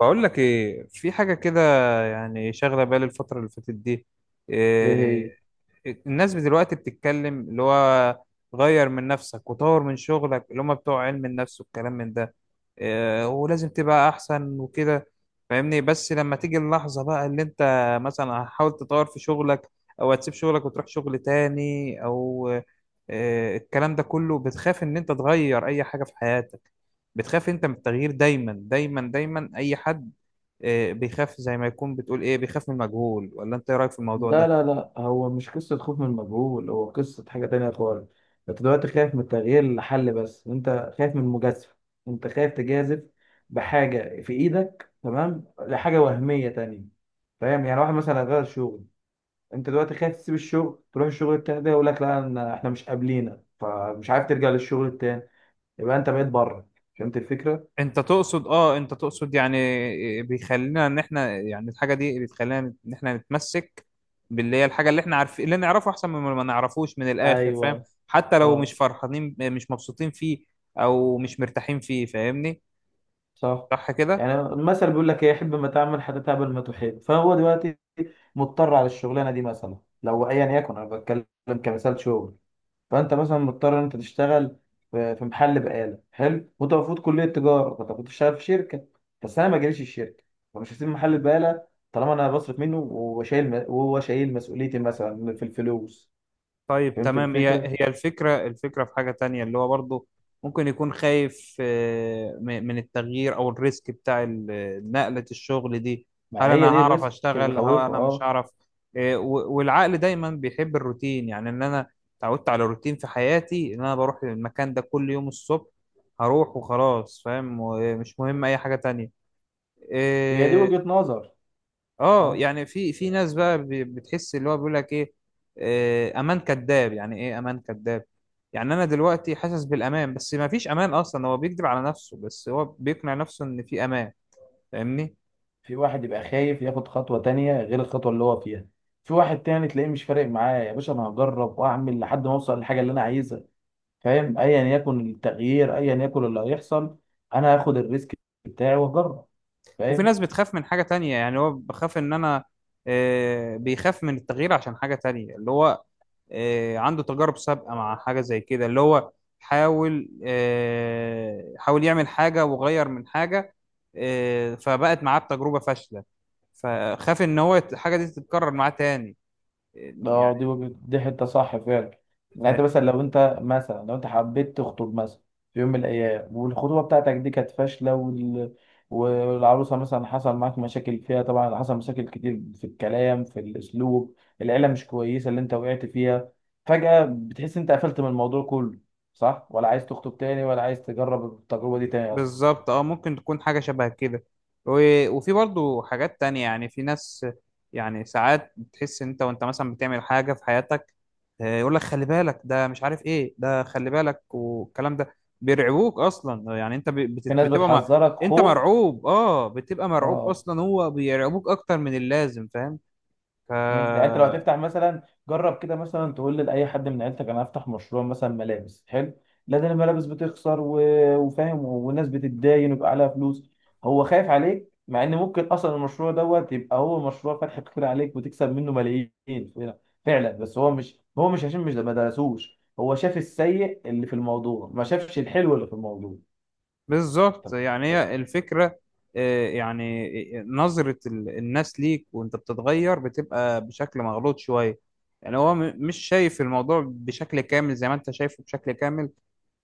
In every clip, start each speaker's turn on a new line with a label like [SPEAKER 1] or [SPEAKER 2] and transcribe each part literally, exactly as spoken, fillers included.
[SPEAKER 1] بقول لك ايه، في حاجه كده يعني شاغله بالي الفتره اللي فاتت دي. مم.
[SPEAKER 2] ايه هي؟
[SPEAKER 1] إيه، الناس دلوقتي بتتكلم اللي هو غير من نفسك وطور من شغلك، اللي هم بتوع علم النفس والكلام من ده. آه، ولازم تبقى احسن وكده، فاهمني؟ بس لما تيجي اللحظة بقى اللي انت مثلا هتحاول تطور في شغلك او هتسيب شغلك وتروح شغل تاني او آه، الكلام ده كله، بتخاف ان انت تغير اي حاجة في حياتك؟ بتخاف انت من التغيير دايما دايما دايما؟ اي حد آه، بيخاف، زي ما يكون بتقول ايه، بيخاف من المجهول، ولا انت ايه رأيك في الموضوع
[SPEAKER 2] لا
[SPEAKER 1] ده؟
[SPEAKER 2] لا لا، هو مش قصة خوف من المجهول، هو قصة حاجة تانية خالص. انت دلوقتي خايف من التغيير لحل، بس انت خايف من المجازفة. انت خايف تجازف بحاجة في ايدك تمام لحاجة وهمية تانية. فاهم؟ يعني واحد مثلا غير شغل. انت دلوقتي خايف تسيب الشغل تروح الشغل التاني، ده يقول لك لا، أنا- احنا مش قابلينك، فمش عارف ترجع للشغل التاني، يبقى انت بقيت بره. فهمت الفكرة؟
[SPEAKER 1] انت تقصد اه انت تقصد يعني بيخلينا ان احنا، يعني الحاجه دي بتخلينا نت- ان احنا نتمسك باللي هي الحاجه اللي احنا عارفين، اللي نعرفه احسن من ما نعرفوش، من الاخر فاهم؟
[SPEAKER 2] ايوه
[SPEAKER 1] حتى لو مش
[SPEAKER 2] اه
[SPEAKER 1] فرحانين، مش مبسوطين فيه، او مش مرتاحين فيه، فاهمني؟
[SPEAKER 2] صح.
[SPEAKER 1] صح كده.
[SPEAKER 2] يعني المثل بيقول لك ايه، حب ما تعمل حتى تعمل ما تحب. فهو دلوقتي مضطر على الشغلانه دي مثلا، لو ايا يكن انا بتكلم كمثال شغل. فانت مثلا مضطر ان انت تشتغل في في محل بقاله حلو، وانت المفروض كليه تجاره، فانت كنت تشتغل في شركه، بس انا ما جاليش الشركه، فمش هسيب محل البقاله طالما انا بصرف منه وشايل، وهو شايل مسؤوليتي مثلا في الفلوس.
[SPEAKER 1] طيب
[SPEAKER 2] فهمت
[SPEAKER 1] تمام، هي
[SPEAKER 2] الفكره.
[SPEAKER 1] هي الفكرة، الفكرة في حاجة تانية اللي هو برضه ممكن يكون خايف، آه، م- من التغيير أو الريسك بتاع ال- نقلة الشغل دي.
[SPEAKER 2] ما
[SPEAKER 1] هل أنا
[SPEAKER 2] هي دي
[SPEAKER 1] هعرف
[SPEAKER 2] الريسك اللي
[SPEAKER 1] أشتغل، هل
[SPEAKER 2] بيخوفه،
[SPEAKER 1] أنا مش
[SPEAKER 2] اه.
[SPEAKER 1] هعرف؟ آه، و- والعقل دايما بيحب الروتين، يعني إن أنا اتعودت على روتين في حياتي، إن أنا بروح المكان ده كل يوم الصبح، هروح وخلاص، فاهم؟ ومش مهم أي حاجة تانية.
[SPEAKER 2] هي دي
[SPEAKER 1] آه،
[SPEAKER 2] وجهه نظر.
[SPEAKER 1] اه
[SPEAKER 2] اه،
[SPEAKER 1] يعني في في ناس بقى ب- بتحس اللي هو بيقول لك ايه آه، امان كذاب. يعني ايه امان كذاب؟ يعني انا دلوقتي حاسس بالامان بس ما فيش امان اصلا، هو بيكذب على نفسه، بس هو بيقنع نفسه ان في امان، فاهمني؟
[SPEAKER 2] في واحد يبقى خايف ياخد خطوة تانية غير الخطوة اللي هو فيها، في واحد تاني تلاقيه مش فارق معاه، يا باشا انا هجرب واعمل لحد ما اوصل للحاجة اللي انا عايزها، فاهم؟ ايا يكن التغيير، ايا يكن اللي هيحصل، انا هاخد الريسك بتاعي واجرب.
[SPEAKER 1] وفي
[SPEAKER 2] فاهم؟
[SPEAKER 1] ناس بتخاف من حاجة تانية، يعني هو بخاف ان انا آه، بيخاف من التغيير عشان حاجة تانية اللي هو آه، عنده تجارب سابقة مع حاجة زي كده، اللي هو حاول، آه، حاول يعمل حاجة وغير من حاجة، آه، فبقت معاه بتجربة فاشلة، فخاف ان هو الحاجة دي تتكرر معاه تاني. آه، يعني
[SPEAKER 2] اه، دي وجهة، دي حتة صح فعلا. يعني انت مثلا لو انت مثلا لو انت حبيت تخطب مثلا في يوم من الايام، والخطوبة بتاعتك دي كانت فاشلة، وال... والعروسة مثلا حصل معاك مشاكل فيها، طبعا حصل مشاكل كتير في الكلام، في الاسلوب، العيلة مش كويسة اللي انت وقعت فيها، فجأة بتحس انت قفلت من الموضوع كله، صح؟ ولا عايز تخطب تاني؟ ولا عايز تجرب التجربة دي تاني اصلا؟
[SPEAKER 1] بالظبط اه، ممكن تكون حاجة شبه كده. و... وفي برضو حاجات تانية يعني، في ناس يعني ساعات بتحس انت وانت مثلا بتعمل حاجة في حياتك، آه، يقول لك خلي بالك، ده مش عارف ايه، ده خلي بالك، والكلام ده بيرعبوك اصلا. يعني انت ب-
[SPEAKER 2] في
[SPEAKER 1] بت-
[SPEAKER 2] ناس
[SPEAKER 1] بتبقى ما...
[SPEAKER 2] بتحذرك
[SPEAKER 1] انت
[SPEAKER 2] خوف،
[SPEAKER 1] مرعوب، اه بتبقى مرعوب
[SPEAKER 2] اه.
[SPEAKER 1] اصلا، هو بيرعبوك اكتر من اللازم، فاهم؟ ف
[SPEAKER 2] مم. يعني انت لو هتفتح مثلا، جرب كده مثلا تقول لاي حد من عيلتك انا هفتح مشروع مثلا ملابس حلو، لا ده الملابس بتخسر، و... وفاهم، والناس بتتداين ويبقى عليها فلوس. هو خايف عليك مع ان ممكن اصلا المشروع دوت يبقى هو مشروع فتح كتير عليك وتكسب منه ملايين. فعلا فعلا. بس هو مش هو مش عشان مش ما درسوش، هو شاف السيء اللي في الموضوع، ما شافش الحلو اللي في الموضوع.
[SPEAKER 1] بالظبط يعني هي الفكرة. آه، يعني آه، نظرة ال- الناس ليك وانت بتتغير بتبقى بشكل مغلوط شوية. يعني هو م- مش شايف الموضوع بشكل كامل زي ما انت شايفه بشكل كامل.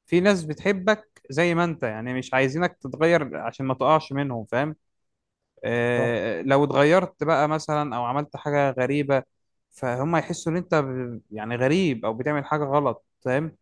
[SPEAKER 1] في ناس بتحبك زي ما انت، يعني مش عايزينك تتغير عشان ما تقعش منهم، فاهم؟
[SPEAKER 2] صح.
[SPEAKER 1] آه، لو اتغيرت بقى مثلا او عملت حاجة غريبة، فهم يحسوا ان انت ب- يعني غريب، او بتعمل حاجة غلط، فاهم؟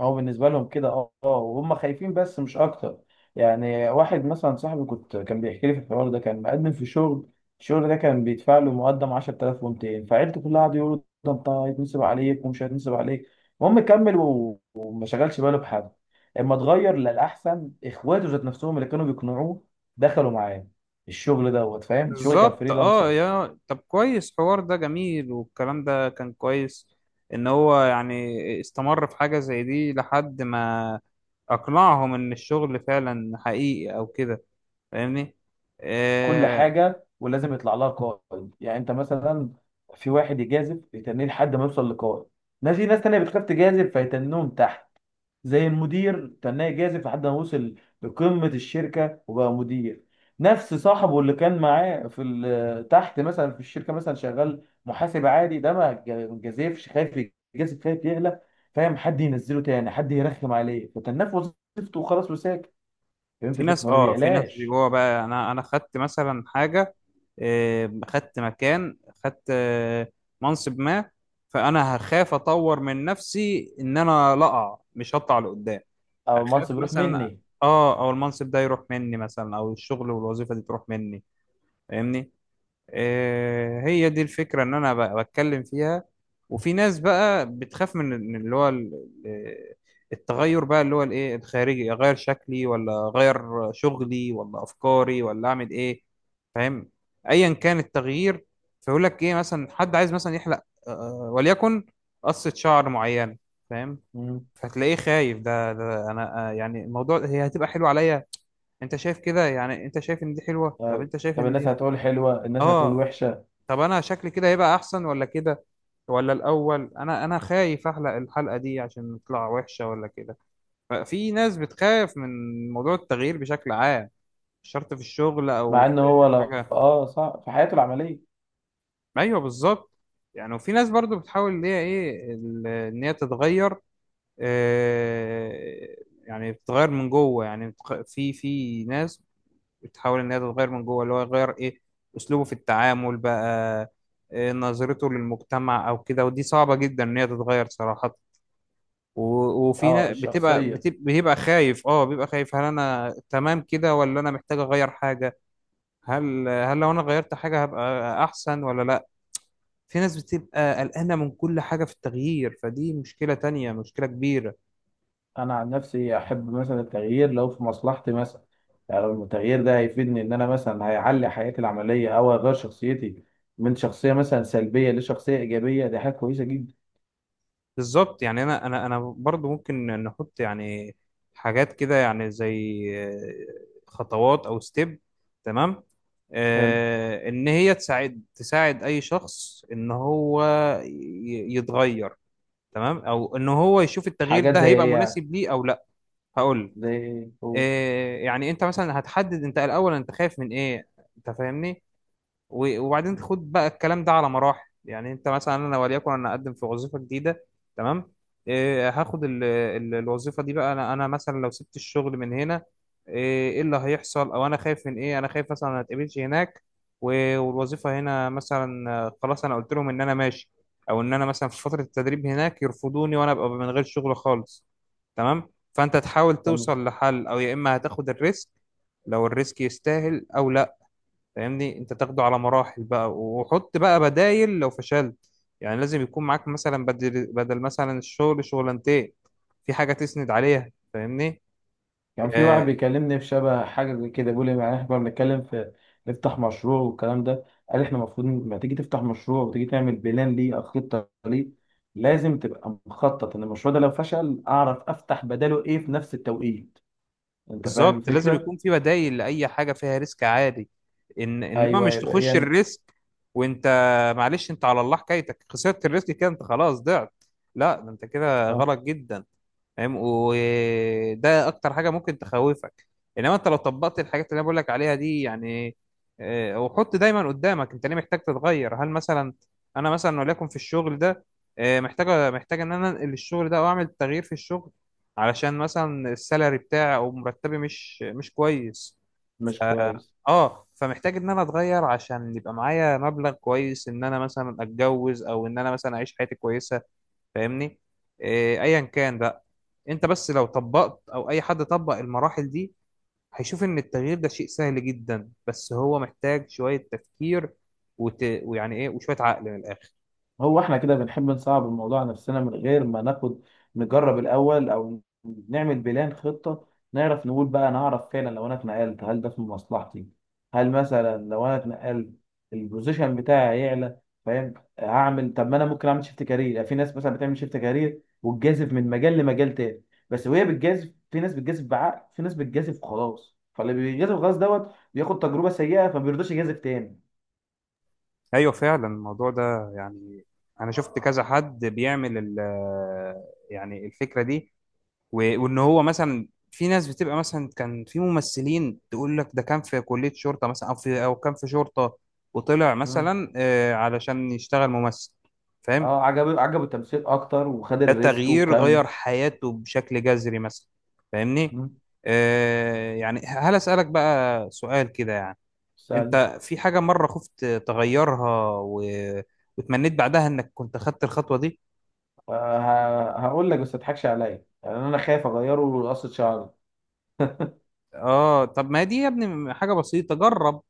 [SPEAKER 2] هو بالنسبة لهم كده، اه اه، وهم خايفين بس مش أكتر. يعني واحد مثلا صاحبي كنت كان بيحكي لي في الحوار ده، كان مقدم في شغل، الشغل ده كان بيدفع له مقدم عشرة آلاف ومئتين، فعيلته كلها قعدوا يقولوا ده أنت هيتنصب عليك ومش هيتنصب عليك. المهم كمل، و- وما شغلش باله بحد، اما اتغير للأحسن إخواته ذات نفسهم اللي كانوا بيقنعوه دخلوا معاه الشغل دوت. فاهم؟ الشغل كان
[SPEAKER 1] بالظبط، اه
[SPEAKER 2] فريلانسر.
[SPEAKER 1] يا طب كويس، حوار ده جميل، والكلام ده كان كويس. ان هو يعني استمر في حاجة زي دي لحد ما اقنعهم ان الشغل فعلا حقيقي او كده، فاهمني؟
[SPEAKER 2] كل
[SPEAKER 1] آه.
[SPEAKER 2] حاجه ولازم يطلع لها قائد. يعني انت مثلا، في واحد يجازف يتنيه لحد ما يوصل لقائد ناس، في ناس تانية بتخاف تجازف فيتنوهم تحت. زي المدير تناه يجازف لحد ما وصل لقمه الشركه وبقى مدير. نفس صاحبه اللي كان معاه في ال- تحت مثلا في الشركه، مثلا شغال محاسب عادي، ده ما ج- جازفش، خايف يجازف، خايف يغلى، فاهم؟ حد ينزله تاني، حد يرخم عليه، فتناه في وظيفته وخلاص وساكت. فهمت
[SPEAKER 1] في
[SPEAKER 2] الفكره؟
[SPEAKER 1] ناس،
[SPEAKER 2] فما
[SPEAKER 1] اه في ناس
[SPEAKER 2] بيعلاش.
[SPEAKER 1] جوه بقى، انا انا خدت مثلا حاجة، آه خدت مكان، خدت آه منصب ما، فانا هخاف اطور من نفسي ان انا لا اقع، مش هطلع لقدام.
[SPEAKER 2] او
[SPEAKER 1] اخاف
[SPEAKER 2] المنصب يروح
[SPEAKER 1] مثلا،
[SPEAKER 2] مني.
[SPEAKER 1] اه او المنصب ده يروح مني مثلا، او الشغل والوظيفه دي تروح مني، فاهمني؟ آه، هي دي الفكره ان انا ب- بتكلم فيها. وفي ناس بقى بتخاف من من اللي هو ال- ال- التغير بقى، اللي هو الايه الخارجي، اغير شكلي ولا اغير شغلي ولا افكاري ولا اعمل ايه، فاهم؟ ايا كان التغيير. فيقول لك ايه، مثلا حد عايز مثلا يحلق، آه وليكن قصه شعر معينه، فاهم؟ فتلاقيه خايف، ده, ده انا آه، يعني الموضوع هي هتبقى حلوه عليا؟ انت شايف كده؟ يعني انت شايف ان دي حلوه، طب
[SPEAKER 2] آه،
[SPEAKER 1] انت شايف
[SPEAKER 2] طب
[SPEAKER 1] ان
[SPEAKER 2] الناس
[SPEAKER 1] دي،
[SPEAKER 2] هتقول حلوة، الناس هتقول
[SPEAKER 1] اه.
[SPEAKER 2] وحشة.
[SPEAKER 1] طب انا شكلي كده هيبقى احسن ولا كده؟ ولا الاول انا انا خايف احلق الحلقه دي عشان تطلع وحشه، ولا كده؟ ففي ناس بتخاف من موضوع التغيير بشكل عام، مش شرط في الشغل او
[SPEAKER 2] مع ان
[SPEAKER 1] في
[SPEAKER 2] هو لو
[SPEAKER 1] حاجه.
[SPEAKER 2] اه صح في حياته العملية.
[SPEAKER 1] ايوه بالظبط، يعني وفي ناس برضو بتحاول ان هي ايه ال- ان هي تتغير، آه، يعني بتتغير من جوه. يعني بتخ- في في ناس بتحاول ان هي تتغير من جوه، اللي هو يغير ايه، اسلوبه في التعامل بقى، إيه نظرته للمجتمع او كده، ودي صعبة جدا ان هي تتغير صراحة. و- وفي
[SPEAKER 2] اه
[SPEAKER 1] ناس بتبقى
[SPEAKER 2] الشخصية.
[SPEAKER 1] بتبقى بيبقى خايف، اه بيبقى خايف، هل انا تمام كده ولا انا محتاج اغير حاجة؟ هل هل لو انا غيرت حاجة هبقى احسن ولا لا؟ في ناس بتبقى قلقانة من كل حاجة في التغيير، فدي مشكلة تانية، مشكلة كبيرة.
[SPEAKER 2] انا عن نفسي احب مثلا التغيير لو في مصلحتي مثلا. يعني لو التغيير ده هيفيدني، ان انا مثلا هيعلي حياتي العملية او اغير شخصيتي من شخصية مثلا سلبية لشخصية ايجابية، دي حاجة كويسة جدا.
[SPEAKER 1] بالظبط، يعني انا انا انا برضو ممكن نحط يعني حاجات كده يعني، زي آه، خطوات او ستيب، تمام،
[SPEAKER 2] حلو.
[SPEAKER 1] آه ان هي تساعد تساعد اي شخص ان هو ي- يتغير، تمام، او ان هو يشوف التغيير
[SPEAKER 2] حاجات
[SPEAKER 1] ده
[SPEAKER 2] زي
[SPEAKER 1] هيبقى
[SPEAKER 2] ايه يعني؟
[SPEAKER 1] مناسب ليه او لا. هقول،
[SPEAKER 2] زي ايه، قول.
[SPEAKER 1] آه يعني انت مثلا هتحدد انت الاول انت خايف من ايه، انت فاهمني؟ و- وبعدين خد بقى الكلام ده على مراحل. يعني انت مثلا انا وليكن انا اقدم في وظيفه جديده، تمام، إيه هاخد ال ال الوظيفه دي بقى، انا انا مثلا لو سبت الشغل من هنا، ايه إيه اللي هيحصل، او انا خايف من ايه؟ انا خايف مثلا ما اتقبلش هناك، و- والوظيفه هنا مثلا آه، خلاص انا قلت لهم ان انا ماشي، او ان انا مثلا في فتره التدريب هناك يرفضوني، وانا ابقى من غير شغل خالص. تمام، فانت تحاول توصل لحل، او يا اما هتاخد الريسك لو الريسك يستاهل او لا. فاهمني؟ انت تاخده على مراحل بقى، وحط بقى بدايل لو فشلت. يعني لازم يكون معاك مثلا بدل بدل مثلا الشغل شغلانتين، في حاجة تسند عليها، فاهمني؟
[SPEAKER 2] كان في واحد
[SPEAKER 1] آه.
[SPEAKER 2] بيكلمني في شبه حاجة زي كده، بيقول لي يعني احنا كنا بنتكلم في نفتح مشروع والكلام ده، قال احنا المفروض لما تيجي تفتح مشروع وتيجي تعمل بلان ليه أو خطة ليه، لازم تبقى مخطط إن المشروع ده لو فشل أعرف أفتح بداله إيه في نفس التوقيت. أنت فاهم
[SPEAKER 1] بالظبط، لازم
[SPEAKER 2] الفكرة؟
[SPEAKER 1] يكون في بدايل لأي حاجة فيها ريسك عالي. إن إنما
[SPEAKER 2] أيوه
[SPEAKER 1] مش
[SPEAKER 2] يبقى
[SPEAKER 1] تخش
[SPEAKER 2] يعني.
[SPEAKER 1] الريسك وأنت، معلش أنت على الله حكايتك، خسرت الريسك كده، أنت خلاص ضعت، لا ده أنت كده غلط جدا، فاهم؟ وده اكتر حاجه ممكن تخوفك. انما انت لو طبقت الحاجات اللي انا بقول لك عليها دي، يعني آه، وحط دايما قدامك انت ليه محتاج تتغير. هل مثلا انا مثلا وليكن في الشغل ده، آه، محتاج محتاج ان انا انقل الشغل ده او اعمل تغيير في الشغل، علشان مثلا السالري بتاعي او مرتبي مش مش كويس؟ ف...
[SPEAKER 2] مش كويس.
[SPEAKER 1] اه فمحتاج ان انا اتغير، عشان يبقى معايا مبلغ كويس ان انا مثلا اتجوز، او ان انا مثلا اعيش حياتي كويسه، فاهمني؟ إيه، ايا كان بقى. انت بس لو طبقت، او اي حد طبق المراحل دي، هيشوف ان التغيير ده شيء سهل جدا، بس هو محتاج شوية تفكير، وت... ويعني ايه، وشوية عقل، من الاخر.
[SPEAKER 2] هو احنا كده بنحب نصعب الموضوع على نفسنا من غير ما ناخد، نجرب الاول، او نعمل بلان خطة، نعرف نقول بقى انا اعرف فعلا لو انا اتنقلت هل ده في مصلحتي، هل مثلا لو انا اتنقلت البوزيشن بتاعي هيعلى، فاهم؟ هعمل، طب ما انا ممكن اعمل شيفت كارير، في ناس مثلا بتعمل شيفت كارير وتجازف من مجال لمجال تاني، بس وهي بتجازف في ناس بتجازف بعقل، في ناس بتجازف خلاص، فاللي بيجازف خلاص دوت بياخد تجربة سيئة فما بيرضاش يجازف تاني.
[SPEAKER 1] ايوه فعلا، الموضوع ده يعني انا شفت كذا حد بيعمل ال... يعني الفكرة دي. و... وان هو مثلا في ناس بتبقى مثلا، كان في ممثلين تقول لك ده كان في كلية شرطة مثلا، او في او كان في شرطة، وطلع
[SPEAKER 2] مم.
[SPEAKER 1] مثلا آه، علشان يشتغل ممثل، فاهم؟
[SPEAKER 2] اه عجبه عجبه التمثيل اكتر وخد
[SPEAKER 1] ده
[SPEAKER 2] الريسك
[SPEAKER 1] تغيير
[SPEAKER 2] وكمل.
[SPEAKER 1] غير حياته بشكل جذري مثلا، فاهمني؟
[SPEAKER 2] مم.
[SPEAKER 1] آه. يعني هل أسألك بقى سؤال كده يعني،
[SPEAKER 2] استنى.
[SPEAKER 1] انت في حاجة مرة خفت تغيرها و... وتمنيت بعدها انك كنت خدت الخطوة دي؟
[SPEAKER 2] آه، ه- هقول لك بس ما تضحكش عليا، يعني انا خايف اغيره لقصة شعري.
[SPEAKER 1] اه طب ما دي يا ابني حاجة بسيطة، جرب،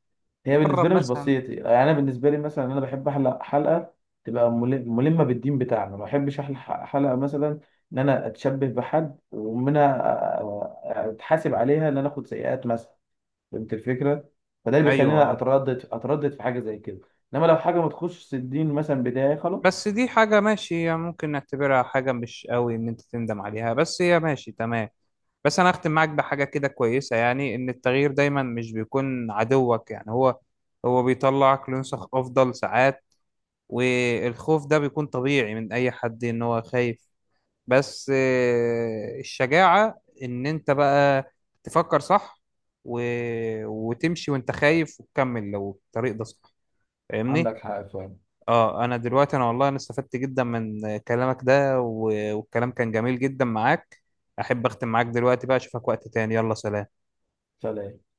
[SPEAKER 2] هي
[SPEAKER 1] جرب
[SPEAKER 2] بالنسبه لي مش
[SPEAKER 1] مثلا.
[SPEAKER 2] بسيط، يعني انا بالنسبه لي مثلا انا بحب احلق حلقه تبقى مل- ملمه بالدين بتاعنا، ما بحبش احلق ح- حلقه مثلا ان انا اتشبه بحد، ومنها أ- أ- اتحاسب عليها ان انا اخد سيئات مثلا. فهمت الفكره. فده اللي
[SPEAKER 1] ايوه
[SPEAKER 2] بيخليني
[SPEAKER 1] اه.
[SPEAKER 2] اتردد اتردد في حاجه زي كده. انما لو حاجه ما تخشش الدين مثلا بتاعي
[SPEAKER 1] بس
[SPEAKER 2] خلاص.
[SPEAKER 1] دي حاجة ماشي، يعني ممكن نعتبرها حاجة مش قوي ان انت تندم عليها، بس هي ماشي تمام. بس انا اختم معاك بحاجه كده كويسه، يعني ان التغيير دايما مش بيكون عدوك، يعني هو هو بيطلعك لنسخ افضل ساعات. والخوف ده بيكون طبيعي من اي حد ان هو خايف، بس آه، الشجاعه ان انت بقى تفكر صح، و... وتمشي وانت خايف، وتكمل لو الطريق ده صح،
[SPEAKER 2] عندك
[SPEAKER 1] فاهمني؟
[SPEAKER 2] حق فعلا.
[SPEAKER 1] اه انا دلوقتي، انا والله انا استفدت جدا من كلامك ده، و... والكلام كان جميل جدا معاك. احب اختم معاك دلوقتي بقى، اشوفك وقت تاني، يلا سلام.
[SPEAKER 2] سلام.